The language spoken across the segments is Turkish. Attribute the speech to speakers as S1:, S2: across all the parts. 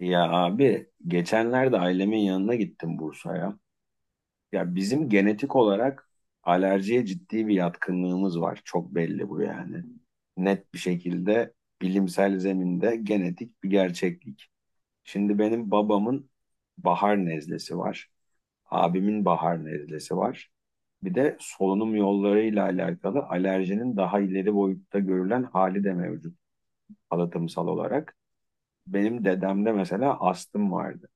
S1: Ya abi geçenlerde ailemin yanına gittim Bursa'ya. Ya bizim genetik olarak alerjiye ciddi bir yatkınlığımız var. Çok belli bu yani. Net bir şekilde bilimsel zeminde genetik bir gerçeklik. Şimdi benim babamın bahar nezlesi var. Abimin bahar nezlesi var. Bir de solunum yollarıyla alakalı alerjinin daha ileri boyutta görülen hali de mevcut halatımsal olarak. Benim dedemde mesela astım vardı.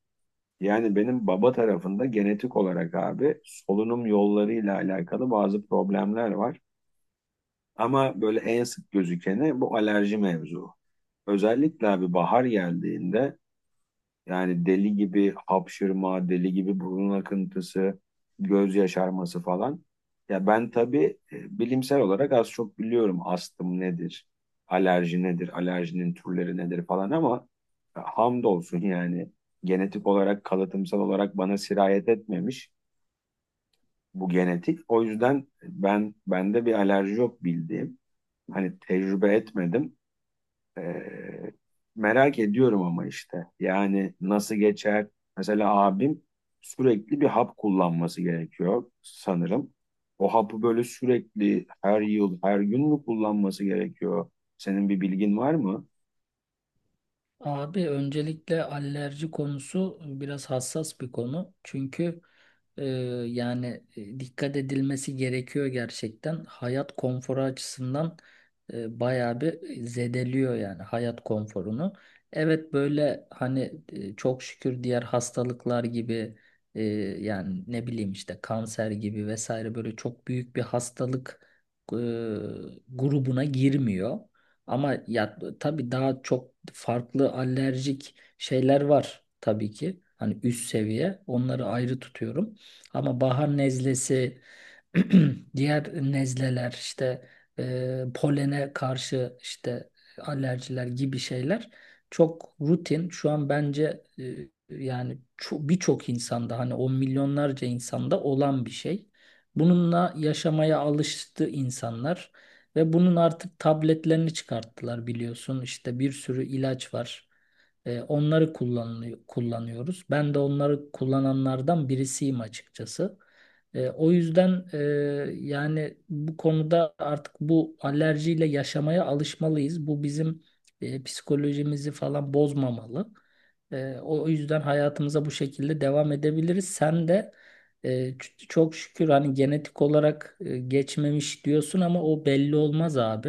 S1: Yani benim baba tarafında genetik olarak abi solunum yollarıyla alakalı bazı problemler var. Ama böyle en sık gözükeni bu alerji mevzu. Özellikle abi bahar geldiğinde yani deli gibi hapşırma, deli gibi burun akıntısı, göz yaşarması falan. Ya ben tabii bilimsel olarak az çok biliyorum astım nedir, alerji nedir, alerjinin türleri nedir falan ama hamdolsun yani genetik olarak, kalıtımsal olarak bana sirayet etmemiş bu genetik. O yüzden bende bir alerji yok bildiğim. Hani tecrübe etmedim. Ee, merak ediyorum ama işte yani nasıl geçer? Mesela abim sürekli bir hap kullanması gerekiyor sanırım. O hapı böyle sürekli her yıl, her gün mü kullanması gerekiyor? Senin bir bilgin var mı?
S2: Abi öncelikle alerji konusu biraz hassas bir konu. Çünkü e, dikkat edilmesi gerekiyor gerçekten. Hayat konforu açısından bayağı bir zedeliyor yani hayat konforunu. Evet böyle hani çok şükür diğer hastalıklar gibi e, yani ne bileyim işte kanser gibi vesaire böyle çok büyük bir hastalık e, grubuna girmiyor. Ama ya tabii daha çok farklı alerjik şeyler var tabii ki. Hani üst seviye onları ayrı tutuyorum. Ama bahar nezlesi diğer nezleler işte polene karşı işte alerjiler gibi şeyler çok rutin. Şu an bence yani birçok insanda hani on milyonlarca insanda olan bir şey. Bununla yaşamaya alıştı insanlar ve bunun artık tabletlerini çıkarttılar biliyorsun. İşte bir sürü ilaç var. Onları kullanılıyor, kullanıyoruz. Ben de onları kullananlardan birisiyim açıkçası. O yüzden yani bu konuda artık bu alerjiyle yaşamaya alışmalıyız. Bu bizim psikolojimizi falan bozmamalı. O yüzden hayatımıza bu şekilde devam edebiliriz. Sen de çok şükür hani genetik olarak geçmemiş diyorsun ama o belli olmaz abi.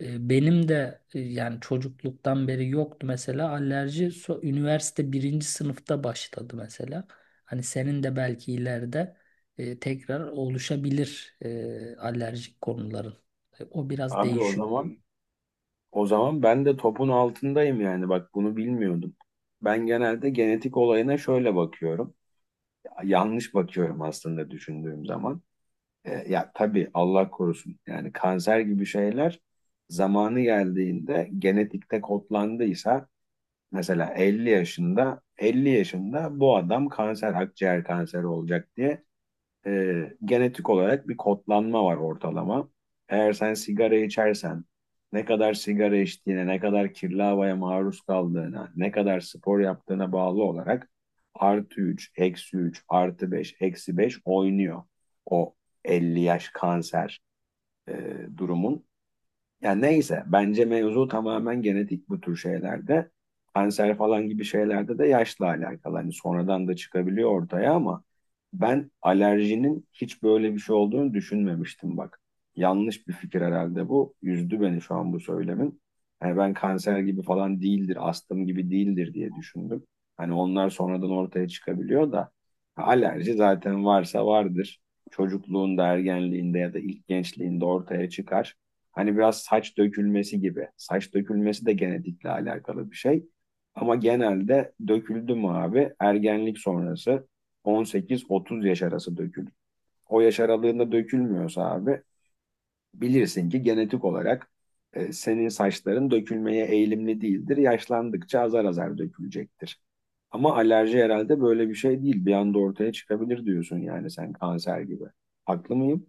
S2: Benim de yani çocukluktan beri yoktu mesela alerji. Üniversite birinci sınıfta başladı mesela. Hani senin de belki ileride tekrar oluşabilir alerjik konuların. O biraz
S1: Abi o
S2: değişiyor.
S1: zaman o zaman ben de topun altındayım yani bak bunu bilmiyordum. Ben genelde genetik olayına şöyle bakıyorum. Yanlış bakıyorum aslında düşündüğüm zaman. Ya tabii Allah korusun. Yani kanser gibi şeyler zamanı geldiğinde genetikte kodlandıysa mesela 50 yaşında 50 yaşında bu adam kanser, akciğer kanseri olacak diye genetik olarak bir kodlanma var ortalama. Eğer sen sigara içersen, ne kadar sigara içtiğine, ne kadar kirli havaya maruz kaldığına, ne kadar spor yaptığına bağlı olarak artı 3, eksi 3, artı 5, eksi 5 oynuyor. O 50 yaş kanser e, durumun. Yani neyse bence mevzu tamamen genetik bu tür şeylerde. Kanser falan gibi şeylerde de yaşla alakalı. Hani sonradan da çıkabiliyor ortaya ama ben alerjinin hiç böyle bir şey olduğunu düşünmemiştim bak. Yanlış bir fikir herhalde bu. Üzdü beni şu an bu söylemin. Hani ben kanser gibi falan değildir, astım gibi değildir diye düşündüm. Hani onlar sonradan ortaya çıkabiliyor da alerji zaten varsa vardır. Çocukluğunda, ergenliğinde ya da ilk gençliğinde ortaya çıkar. Hani biraz saç dökülmesi gibi. Saç dökülmesi de genetikle alakalı bir şey. Ama genelde döküldü mü abi ergenlik sonrası 18-30 yaş arası dökülür. O yaş aralığında dökülmüyorsa abi bilirsin ki genetik olarak senin saçların dökülmeye eğilimli değildir. Yaşlandıkça azar azar dökülecektir. Ama alerji herhalde böyle bir şey değil. Bir anda ortaya çıkabilir diyorsun yani sen kanser gibi. Haklı mıyım?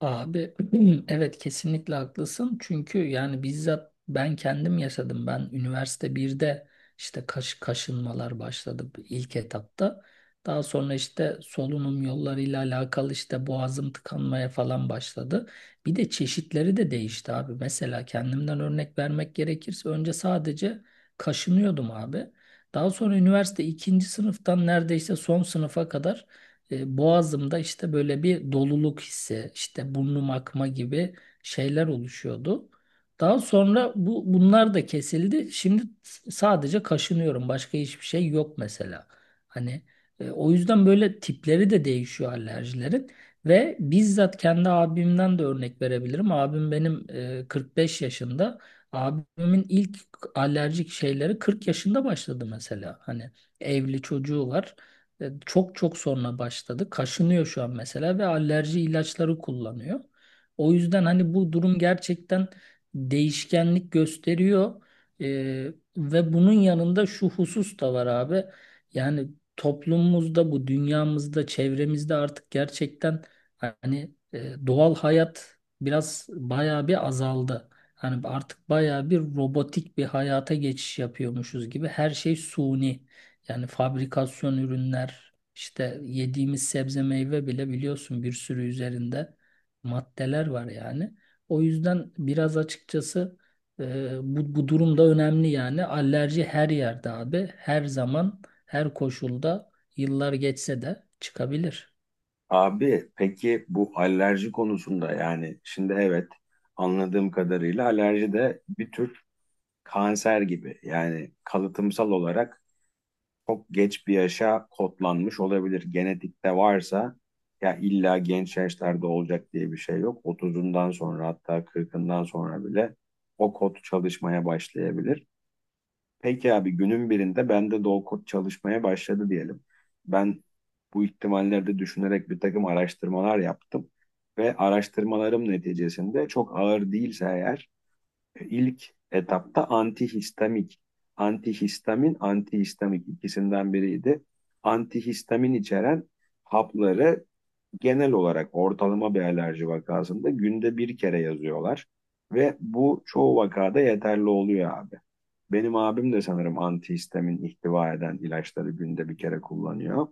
S2: Abi evet kesinlikle haklısın. Çünkü yani bizzat ben kendim yaşadım. Ben üniversite birde işte kaşınmalar başladı ilk etapta. Daha sonra işte solunum yollarıyla alakalı işte boğazım tıkanmaya falan başladı. Bir de çeşitleri de değişti abi. Mesela kendimden örnek vermek gerekirse önce sadece kaşınıyordum abi. Daha sonra üniversite ikinci sınıftan neredeyse son sınıfa kadar boğazımda işte böyle bir doluluk hissi, işte burnum akma gibi şeyler oluşuyordu. Daha sonra bunlar da kesildi. Şimdi sadece kaşınıyorum. Başka hiçbir şey yok mesela. Hani o yüzden böyle tipleri de değişiyor alerjilerin ve bizzat kendi abimden de örnek verebilirim. Abim benim 45 yaşında. Abimin ilk alerjik şeyleri 40 yaşında başladı mesela. Hani evli çocuğu var. Çok çok sonra başladı. Kaşınıyor şu an mesela ve alerji ilaçları kullanıyor. O yüzden hani bu durum gerçekten değişkenlik gösteriyor. E, Ve bunun yanında şu husus da var abi. Yani toplumumuzda, bu dünyamızda, çevremizde artık gerçekten hani doğal hayat biraz bayağı bir azaldı. Hani artık bayağı bir robotik bir hayata geçiş yapıyormuşuz gibi. Her şey suni. Yani fabrikasyon ürünler, işte yediğimiz sebze meyve bile biliyorsun bir sürü üzerinde maddeler var yani. O yüzden biraz açıkçası bu durum önemli yani. Alerji her yerde abi, her zaman, her koşulda, yıllar geçse de çıkabilir.
S1: Abi peki bu alerji konusunda yani şimdi evet anladığım kadarıyla alerji de bir tür kanser gibi. Yani kalıtımsal olarak çok geç bir yaşa kodlanmış olabilir. Genetikte varsa ya illa genç yaşlarda olacak diye bir şey yok. 30'undan sonra hatta 40'ından sonra bile o kod çalışmaya başlayabilir. Peki abi günün birinde bende low code çalışmaya başladı diyelim. Ben bu ihtimalleri de düşünerek bir takım araştırmalar yaptım. Ve araştırmalarım neticesinde çok ağır değilse eğer ilk etapta antihistamik, antihistamin, antihistamik ikisinden biriydi. Antihistamin içeren hapları genel olarak ortalama bir alerji vakasında günde bir kere yazıyorlar. Ve bu çoğu vakada yeterli oluyor abi. Benim abim de sanırım antihistamin ihtiva eden ilaçları günde bir kere kullanıyor.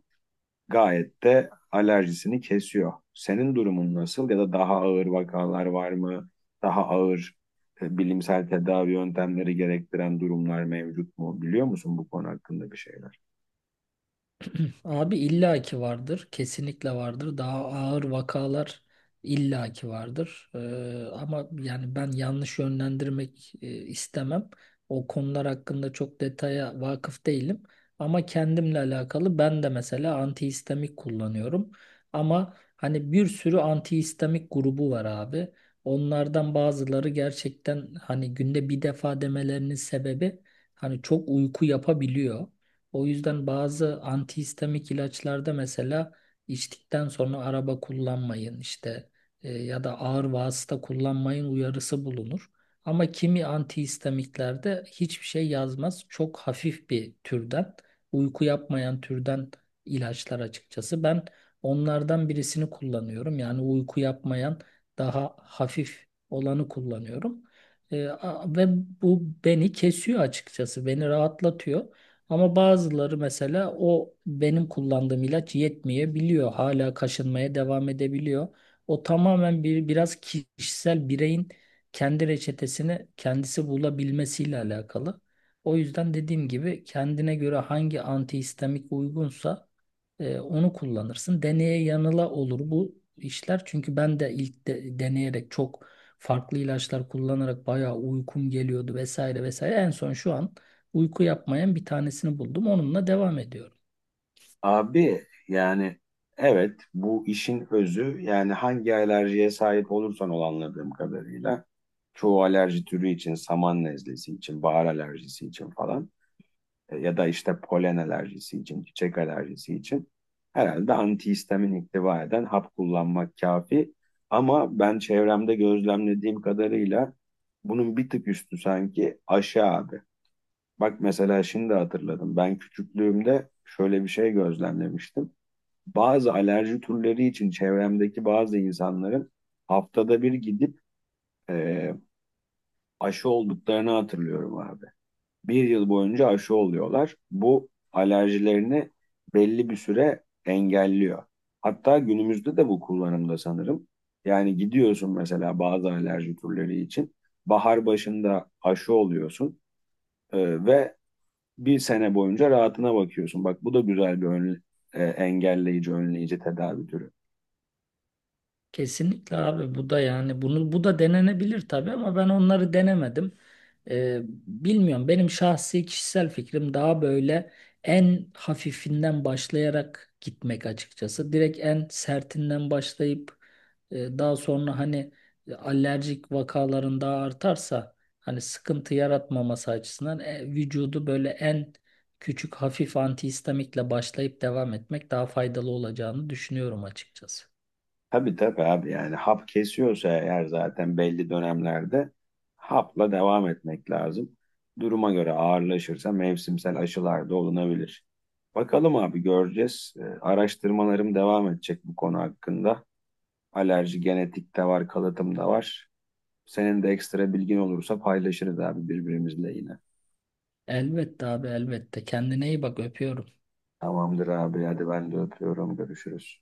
S1: Gayet de alerjisini kesiyor. Senin durumun nasıl ya da daha ağır vakalar var mı? Daha ağır bilimsel tedavi yöntemleri gerektiren durumlar mevcut mu? Biliyor musun bu konu hakkında bir şeyler?
S2: Abi illaki vardır. Kesinlikle vardır. Daha ağır vakalar illaki vardır. Ama yani ben yanlış yönlendirmek istemem. O konular hakkında çok detaya vakıf değilim. Ama kendimle alakalı ben de mesela antihistamik kullanıyorum. Ama hani bir sürü antihistamik grubu var abi. Onlardan bazıları gerçekten hani günde bir defa demelerinin sebebi hani çok uyku yapabiliyor. O yüzden bazı antihistamik ilaçlarda mesela içtikten sonra araba kullanmayın işte ya da ağır vasıta kullanmayın uyarısı bulunur. Ama kimi antihistamiklerde hiçbir şey yazmaz. Çok hafif bir türden, uyku yapmayan türden ilaçlar açıkçası. Ben onlardan birisini kullanıyorum. Yani uyku yapmayan daha hafif olanı kullanıyorum. Ve bu beni kesiyor açıkçası. Beni rahatlatıyor. Ama bazıları mesela o benim kullandığım ilaç yetmeyebiliyor. Hala kaşınmaya devam edebiliyor. O tamamen bir biraz kişisel bireyin kendi reçetesini kendisi bulabilmesiyle alakalı. O yüzden dediğim gibi kendine göre hangi antihistamik uygunsa onu kullanırsın. Deneye yanıla olur bu işler. Çünkü ben de ilk deneyerek çok farklı ilaçlar kullanarak bayağı uykum geliyordu vesaire vesaire. En son şu an uyku yapmayan bir tanesini buldum. Onunla devam ediyorum.
S1: Abi yani evet bu işin özü yani hangi alerjiye sahip olursan ol anladığım kadarıyla çoğu alerji türü için saman nezlesi için bahar alerjisi için falan ya da işte polen alerjisi için çiçek alerjisi için herhalde antihistamin ihtiva eden hap kullanmak kafi ama ben çevremde gözlemlediğim kadarıyla bunun bir tık üstü sanki aşı abi. Bak mesela şimdi hatırladım ben küçüklüğümde şöyle bir şey gözlemlemiştim bazı alerji türleri için çevremdeki bazı insanların haftada bir gidip e, aşı olduklarını hatırlıyorum abi. Bir yıl boyunca aşı oluyorlar. Bu alerjilerini belli bir süre engelliyor. Hatta günümüzde de bu kullanımda sanırım. Yani gidiyorsun mesela bazı alerji türleri için. Bahar başında aşı oluyorsun ve bir sene boyunca rahatına bakıyorsun. Bak bu da güzel bir engelleyici, önleyici tedavi türü.
S2: Kesinlikle abi bu da yani bu da denenebilir tabii ama ben onları denemedim. Ee, Bilmiyorum benim şahsi kişisel fikrim daha böyle en hafifinden başlayarak gitmek açıkçası. Direkt en sertinden başlayıp daha sonra hani alerjik vakaların daha artarsa hani sıkıntı yaratmaması açısından vücudu böyle en küçük hafif antihistamikle başlayıp devam etmek daha faydalı olacağını düşünüyorum açıkçası.
S1: Tabii tabii abi yani hap kesiyorsa eğer zaten belli dönemlerde hapla devam etmek lazım. Duruma göre ağırlaşırsa mevsimsel aşılar da olunabilir. Bakalım abi göreceğiz. Araştırmalarım devam edecek bu konu hakkında. Alerji genetik de var, kalıtım da var. Senin de ekstra bilgin olursa paylaşırız abi birbirimizle yine.
S2: Elbette abi elbette. Kendine iyi bak öpüyorum.
S1: Tamamdır abi hadi ben de öpüyorum görüşürüz.